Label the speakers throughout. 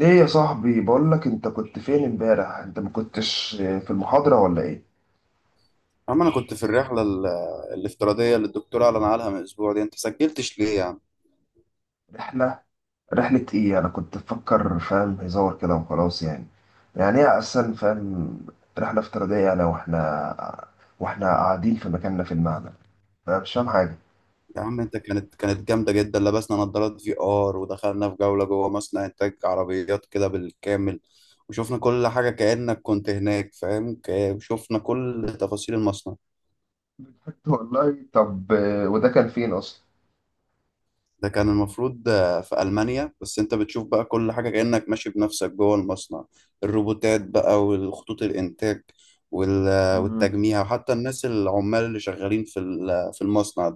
Speaker 1: ايه يا صاحبي، بقول لك، انت كنت فين امبارح؟ انت ما كنتش في المحاضرة ولا ايه؟
Speaker 2: عم، انا كنت في الرحله الافتراضيه اللي الدكتور اعلن عنها من اسبوع دي. انت سجلتش ليه يا عم؟
Speaker 1: رحلة رحلة ايه؟ انا كنت بفكر فاهم هزار كده وخلاص يعني. يعني ايه اصلا فاهم؟ رحلة افتراضية؟ انا واحنا قاعدين في مكاننا في المعمل، فانا مش فاهم حاجة.
Speaker 2: يا عم انت كانت جامده جدا. لبسنا نظارات في ار ودخلنا في جوله جوه مصنع انتاج عربيات كده بالكامل. وشفنا كل حاجه كانك كنت هناك، فاهم؟ وشفنا كل تفاصيل المصنع.
Speaker 1: والله طب وده كان فين اصلا؟
Speaker 2: ده كان المفروض في المانيا، بس انت بتشوف بقى كل حاجه كانك ماشي بنفسك جوه المصنع. الروبوتات بقى والخطوط الانتاج
Speaker 1: مم.
Speaker 2: والتجميع، وحتى الناس العمال اللي شغالين في المصنع.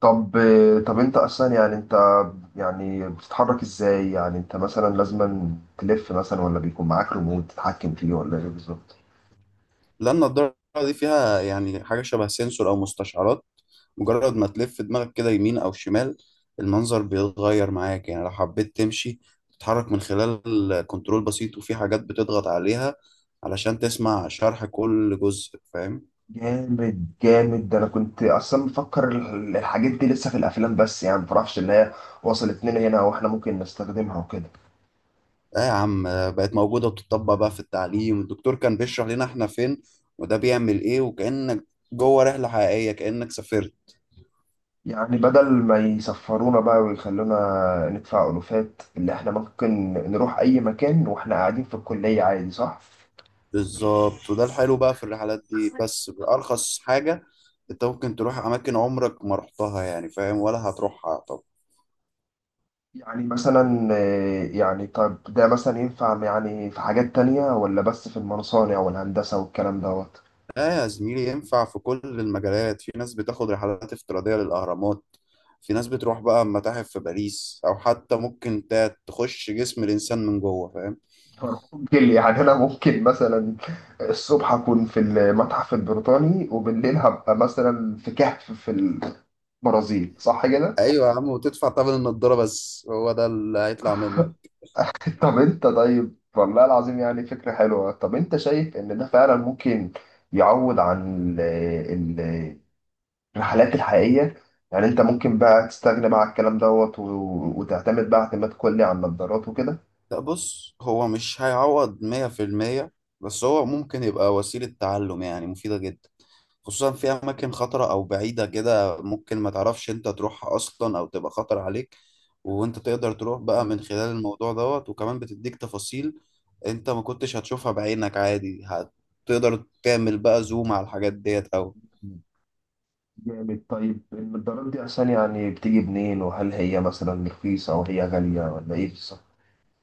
Speaker 1: طب طب انت اصلا يعني انت، يعني بتتحرك ازاي؟ يعني انت مثلا لازم تلف مثلا، ولا بيكون معاك ريموت تتحكم فيه، ولا ايه بالظبط؟
Speaker 2: لأن النضارة دي فيها يعني حاجة شبه سنسور أو مستشعرات. مجرد ما تلف دماغك كده يمين أو شمال، المنظر بيتغير معاك. يعني لو حبيت تمشي، تتحرك من خلال كنترول بسيط، وفي حاجات بتضغط عليها علشان تسمع شرح كل جزء. فاهم؟
Speaker 1: جامد جامد. ده انا كنت اصلا مفكر الحاجات دي لسه في الافلام بس، يعني مفرحش ان هي وصلت لنا هنا واحنا ممكن نستخدمها وكده.
Speaker 2: آه يا عم، بقت موجودة وبتطبق بقى في التعليم. الدكتور كان بيشرح لنا إحنا فين، وده بيعمل إيه، وكأنك جوه رحلة حقيقية، كأنك سافرت.
Speaker 1: يعني بدل ما يسفرونا بقى ويخلونا ندفع الوفات، اللي احنا ممكن نروح اي مكان واحنا قاعدين في الكلية عادي، صح؟
Speaker 2: بالظبط، وده الحلو بقى في الرحلات دي، بس بأرخص حاجة انت ممكن تروح اماكن عمرك ما رحتها، يعني فاهم؟ ولا هتروحها طب.
Speaker 1: يعني مثلا يعني طب ده مثلا ينفع يعني في حاجات تانية، ولا بس في المصانع والهندسة والكلام دوت؟
Speaker 2: لا يا زميلي، ينفع في كل المجالات. في ناس بتاخد رحلات افتراضية للأهرامات، في ناس بتروح بقى متاحف في باريس، او حتى ممكن تخش جسم الانسان من جوه، فاهم؟
Speaker 1: ممكن، يعني انا ممكن مثلا الصبح اكون في المتحف البريطاني، وبالليل هبقى مثلا في كهف في البرازيل، صح كده؟
Speaker 2: ايوه يا عم، وتدفع ثمن النضارة بس، هو ده اللي هيطلع منك.
Speaker 1: طب انت، طيب والله العظيم يعني فكرة حلوة. طب انت شايف ان ده فعلا ممكن يعوض عن ال- الرحلات الحقيقية؟ يعني انت ممكن بقى تستغنى بقى عن الكلام دوت وتعتمد بقى اعتماد كلي على النظارات وكده؟
Speaker 2: لا بص، هو مش هيعوض 100%، بس هو ممكن يبقى وسيلة تعلم يعني مفيدة جدا، خصوصا في اماكن خطرة او بعيدة كده، ممكن ما تعرفش انت تروحها اصلا او تبقى خطر عليك، وانت تقدر تروح بقى من خلال الموضوع دوت. وكمان بتديك تفاصيل انت ما كنتش هتشوفها بعينك عادي، هتقدر تعمل بقى زوم على الحاجات ديت. او
Speaker 1: جامد. طيب المقدارات دي أصلا يعني بتيجي منين؟ وهل هي مثلا رخيصة أو هي غالية، ولا إيه بالظبط؟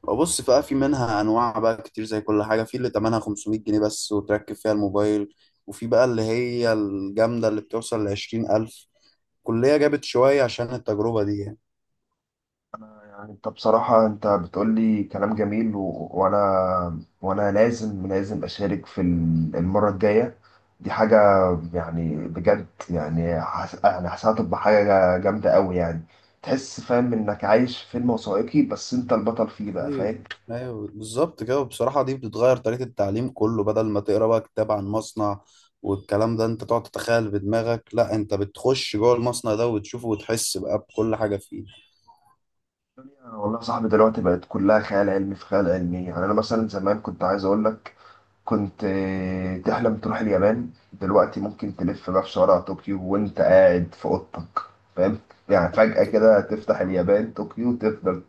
Speaker 2: بص بقى، في منها انواع بقى كتير زي كل حاجة. في اللي تمنها 500 جنيه بس وتركب فيها الموبايل، وفي بقى اللي هي الجامدة اللي بتوصل لـ20 ألف. كلية جابت شوية عشان التجربة دي يعني.
Speaker 1: يعني أنت بصراحة، أنت بتقول لي كلام جميل وأنا لازم أشارك في المرة الجاية. دي حاجة يعني بجد، يعني يعني حاسسها تبقى حاجة جامدة أوي يعني. تحس فاهم إنك عايش في فيلم وثائقي، بس أنت البطل فيه بقى،
Speaker 2: ايوه،
Speaker 1: فاهم؟
Speaker 2: ايوه بالظبط كده. وبصراحه دي بتتغير طريقه التعليم كله. بدل ما تقرا بقى كتاب عن مصنع والكلام ده انت تقعد تتخيل بدماغك، لا انت بتخش جوه المصنع ده وتشوفه وتحس بقى بكل حاجه فيه.
Speaker 1: والله يا صاحبي، دلوقتي بقت كلها خيال علمي في خيال علمي. يعني أنا مثلا زمان كنت عايز أقول لك، كنت تحلم تروح اليابان. دلوقتي ممكن تلف بقى في شوارع طوكيو وانت قاعد في اوضتك، فاهم؟ يعني فجأة كده تفتح اليابان طوكيو وتفضل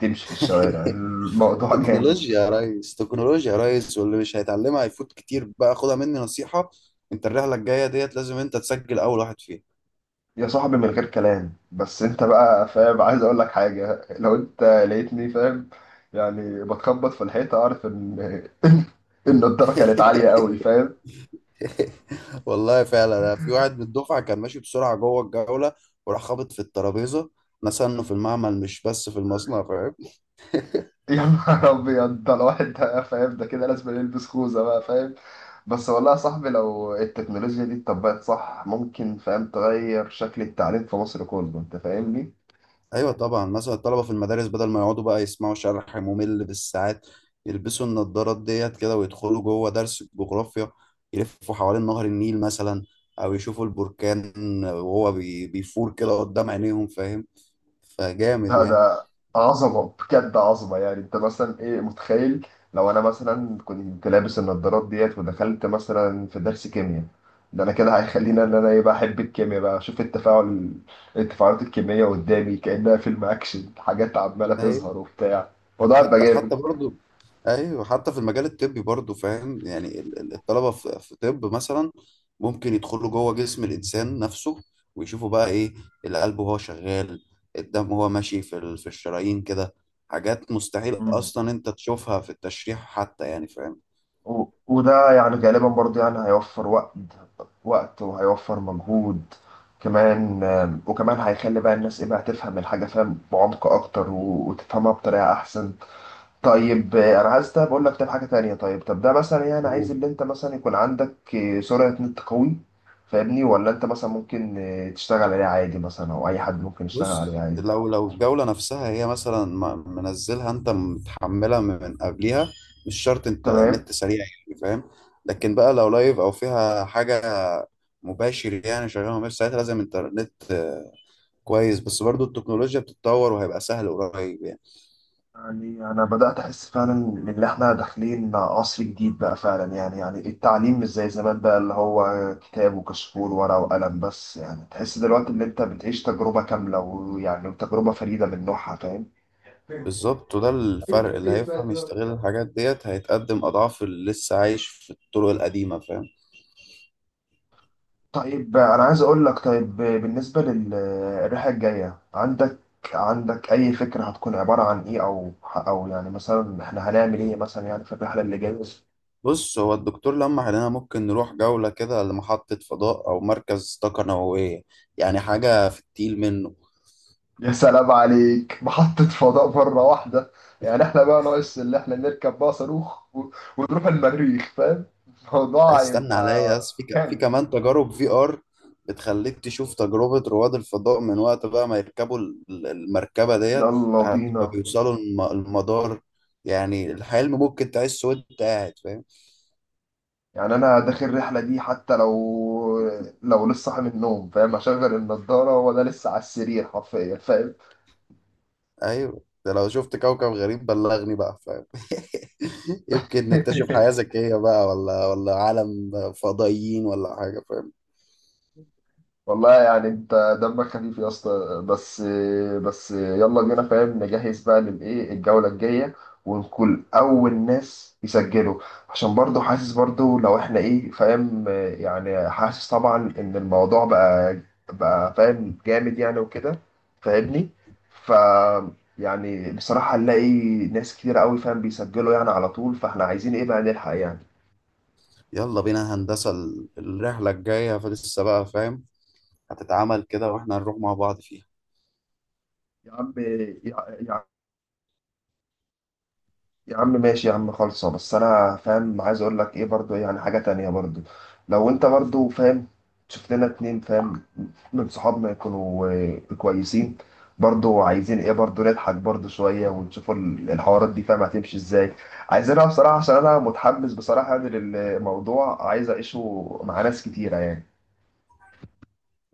Speaker 1: تمشي في الشوارع. الموضوع جامد.
Speaker 2: تكنولوجيا يا ريس، تكنولوجيا يا ريس، واللي مش هيتعلمها هيفوت كتير بقى. خدها مني نصيحه، انت الرحله الجايه ديت لازم انت تسجل اول واحد فيها.
Speaker 1: يا صاحبي من غير كلام، بس انت بقى فاهم، عايز اقول لك حاجة. لو انت لقيتني فاهم، يعني بتخبط في الحيطة، اعرف ان ان الدرجة كانت عالية قوي، فاهم.
Speaker 2: والله فعلا، أنا في واحد من الدفعه كان ماشي بسرعه جوه الجوله، وراح خابط في الترابيزه. نسى في المعمل مش بس في المصنع، فاهم؟
Speaker 1: يا نهار ابيض، ده الواحد ده فاهم، ده كده لازم يلبس خوذه بقى، فاهم. بس والله يا صاحبي، لو التكنولوجيا دي اتطبقت صح، ممكن فاهم تغير شكل التعليم في مصر كله، انت فاهمني؟
Speaker 2: ايوه طبعا، مثلا الطلبه في المدارس بدل ما يقعدوا بقى يسمعوا شرح ممل بالساعات، يلبسوا النضارات ديت كده ويدخلوا جوه درس الجغرافيا. يلفوا حوالين نهر النيل مثلا، او يشوفوا البركان وهو بيفور كده قدام عينيهم، فاهم؟ فجامد
Speaker 1: ده عظمه بجد، عظمه. يعني انت مثلا ايه متخيل؟ لو انا مثلا كنت لابس النضارات ديت ودخلت مثلا في درس كيمياء، ده انا كده هيخليني ان انا ايه بقى، احب الكيمياء بقى، اشوف التفاعلات الكيمياء قدامي كانها فيلم اكشن، حاجات عماله
Speaker 2: يعني.
Speaker 1: تظهر وبتاع. الموضوع هيبقى
Speaker 2: حتى
Speaker 1: جامد.
Speaker 2: حتى برضو، ايوه حتى في المجال الطبي برضو، فاهم؟ يعني الطلبه في طب مثلا ممكن يدخلوا جوه جسم الانسان نفسه، ويشوفوا بقى ايه، القلب وهو شغال، الدم وهو ماشي في الشرايين كده. حاجات مستحيل
Speaker 1: مم.
Speaker 2: اصلا انت تشوفها في التشريح حتى، يعني
Speaker 1: وده يعني غالبا برضو يعني هيوفر وقت، وقت وهيوفر مجهود كمان. وكمان هيخلي بقى الناس ايه بقى، تفهم الحاجة فاهم بعمق اكتر، وتفهمها بطريقة احسن. طيب انا عايز ده بقول لك، طيب حاجة تانية، طب ده مثلا يعني عايز
Speaker 2: فاهم.
Speaker 1: اللي انت مثلا يكون عندك سرعة نت قوي، فاهمني؟ ولا انت مثلا ممكن تشتغل عليه عادي مثلا، او اي حد ممكن يشتغل
Speaker 2: بص،
Speaker 1: عليه عادي؟
Speaker 2: لو الجولة نفسها هي مثلا منزلها انت متحملها من قبلها، مش شرط انت
Speaker 1: تمام.
Speaker 2: النت سريع، يعني فاهم. لكن بقى لو لايف او فيها حاجة مباشر، يعني شغالة مباشر، ساعتها لازم انترنت كويس. بس برضو التكنولوجيا بتتطور وهيبقى سهل قريب يعني.
Speaker 1: يعني أنا بدأت أحس فعلا إن إحنا داخلين عصر جديد بقى فعلا، يعني يعني التعليم مش زي زمان بقى، اللي هو كتاب وكشكول ورقة وقلم بس. يعني تحس دلوقتي إن أنت بتعيش تجربة كاملة، ويعني تجربة فريدة من نوعها، فاهم؟
Speaker 2: بالظبط، وده الفرق. اللي هيفهم يستغل الحاجات ديت هيتقدم اضعاف اللي لسه عايش في الطرق القديمة، فاهم.
Speaker 1: طيب أنا عايز أقول لك، طيب بالنسبة للرحلة الجاية، عندك أي فكرة هتكون عبارة عن إيه؟ أو يعني مثلا إحنا هنعمل إيه مثلا يعني في الرحلة اللي جاية؟
Speaker 2: بص، هو الدكتور لمح علينا ممكن نروح جولة كده لمحطة فضاء أو مركز طاقة نووية، يعني حاجة في التقيل منه.
Speaker 1: يا سلام عليك، محطة فضاء مرة واحدة. يعني احنا بقى ناقص اللي احنا نركب بقى صاروخ ونروح المريخ، فاهم. الموضوع
Speaker 2: استنى عليا
Speaker 1: هيبقى
Speaker 2: بس، في
Speaker 1: جامد.
Speaker 2: كمان تجارب في آر بتخليك تشوف تجربة رواد الفضاء من وقت بقى ما يركبوا المركبة ديت
Speaker 1: يلا
Speaker 2: لحد ما
Speaker 1: بينا.
Speaker 2: بيوصلوا المدار. يعني الحلم ممكن تعيش وأنت قاعد، فاهم.
Speaker 1: يعني انا داخل الرحلة دي حتى لو، لو لسه صاحي من النوم فاهم، اشغل النضارة وانا لسه على السرير حرفيا، فاهم.
Speaker 2: ايوه، ده لو شفت كوكب غريب بلغني بقى، فاهم. يمكن نكتشف حياة ذكية بقى، ولا عالم فضائيين ولا حاجة، فاهم.
Speaker 1: والله يعني انت دمك خفيف يا اسطى. بس، بس يلا بينا فاهم، نجهز بقى للايه، الجوله الجايه، ونكون اول ناس يسجلوا. عشان برضو حاسس، برضو لو احنا ايه فاهم، يعني حاسس طبعا ان الموضوع بقى فاهم جامد يعني وكده، فاهمني؟ ف، يعني بصراحه نلاقي ناس كتير قوي فاهم بيسجلوا يعني على طول، فاحنا عايزين ايه بقى، نلحق يعني.
Speaker 2: يلا بينا، هندسة الرحلة الجاية فلسه بقى، فاهم. هتتعمل كده واحنا هنروح مع بعض فيها.
Speaker 1: يا عم، يا عم ماشي يا عم خالصة، بس انا فاهم عايز اقول لك ايه برضو، يعني حاجة تانية برضو، لو انت برضو فاهم، شوف لنا اتنين فاهم من صحابنا يكونوا كويسين. برضو عايزين ايه برضو، نضحك برضو شوية، ونشوف الحوارات دي فاهم هتمشي ازاي. عايزينها بصراحة، عشان انا متحمس بصراحة يعني للموضوع، عايز اعيشه مع ناس كتيرة يعني.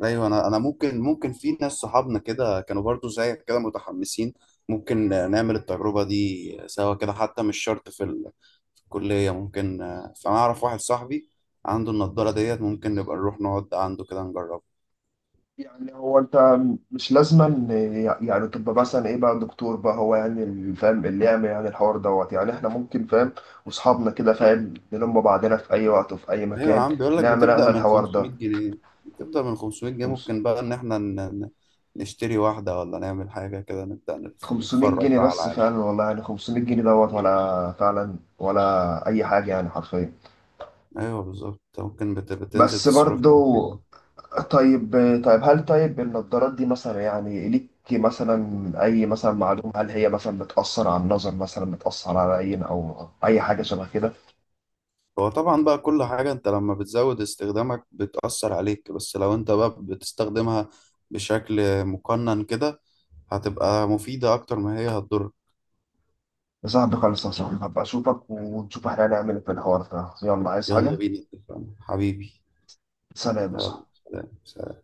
Speaker 2: ايوه، انا ممكن في ناس صحابنا كده كانوا برضو زيك كده متحمسين. ممكن نعمل التجربة دي سوا كده حتى، مش شرط في الكلية. ممكن، فانا اعرف واحد صاحبي عنده النضارة ديت، ممكن نبقى نروح نقعد عنده كده نجربها.
Speaker 1: يعني هو انت مش لازما يعني تبقى مثلا ايه بقى دكتور بقى، هو يعني اللي فاهم اللي يعمل يعني الحوار دوت. يعني احنا ممكن فاهم واصحابنا كده فاهم نلم بعضنا في اي وقت وفي اي
Speaker 2: ايوه يا
Speaker 1: مكان،
Speaker 2: عم، بيقول لك
Speaker 1: نعمل
Speaker 2: بتبدأ
Speaker 1: احنا
Speaker 2: من
Speaker 1: الحوار ده.
Speaker 2: 500 جنيه. بتبدأ من 500 جنيه،
Speaker 1: خمس-
Speaker 2: ممكن بقى ان احنا ن- نشتري واحدة، ولا نعمل حاجة كده، نبدأ
Speaker 1: 500
Speaker 2: نتفرج
Speaker 1: جنيه
Speaker 2: بقى على
Speaker 1: بس،
Speaker 2: العالم.
Speaker 1: فعلا والله، يعني 500 جنيه دوت، ولا فعلا، ولا اي حاجة يعني حرفيا.
Speaker 2: ايوه بالظبط، أنت ممكن بتنزل
Speaker 1: بس برضو،
Speaker 2: تصرفهم فين.
Speaker 1: طيب، طيب هل، طيب النضارات دي مثلا يعني ليك مثلا أي مثلا معلومة، هل هي مثلا بتأثر على النظر، مثلا بتأثر على عين أو أي حاجة شبه كده؟
Speaker 2: هو طبعا بقى كل حاجة انت لما بتزود استخدامك بتأثر عليك، بس لو انت بقى بتستخدمها بشكل مقنن كده هتبقى مفيدة اكتر ما هي هتضر.
Speaker 1: يا صاحبي خلاص يا صاحبي، هبقى أشوفك، ونشوف إحنا هنعمل إيه في الحوار ده. يلا، عايز
Speaker 2: يلا
Speaker 1: حاجة؟
Speaker 2: بينا، اتفقنا حبيبي.
Speaker 1: سلام يا
Speaker 2: يلا،
Speaker 1: صاحبي.
Speaker 2: سلام، سلام.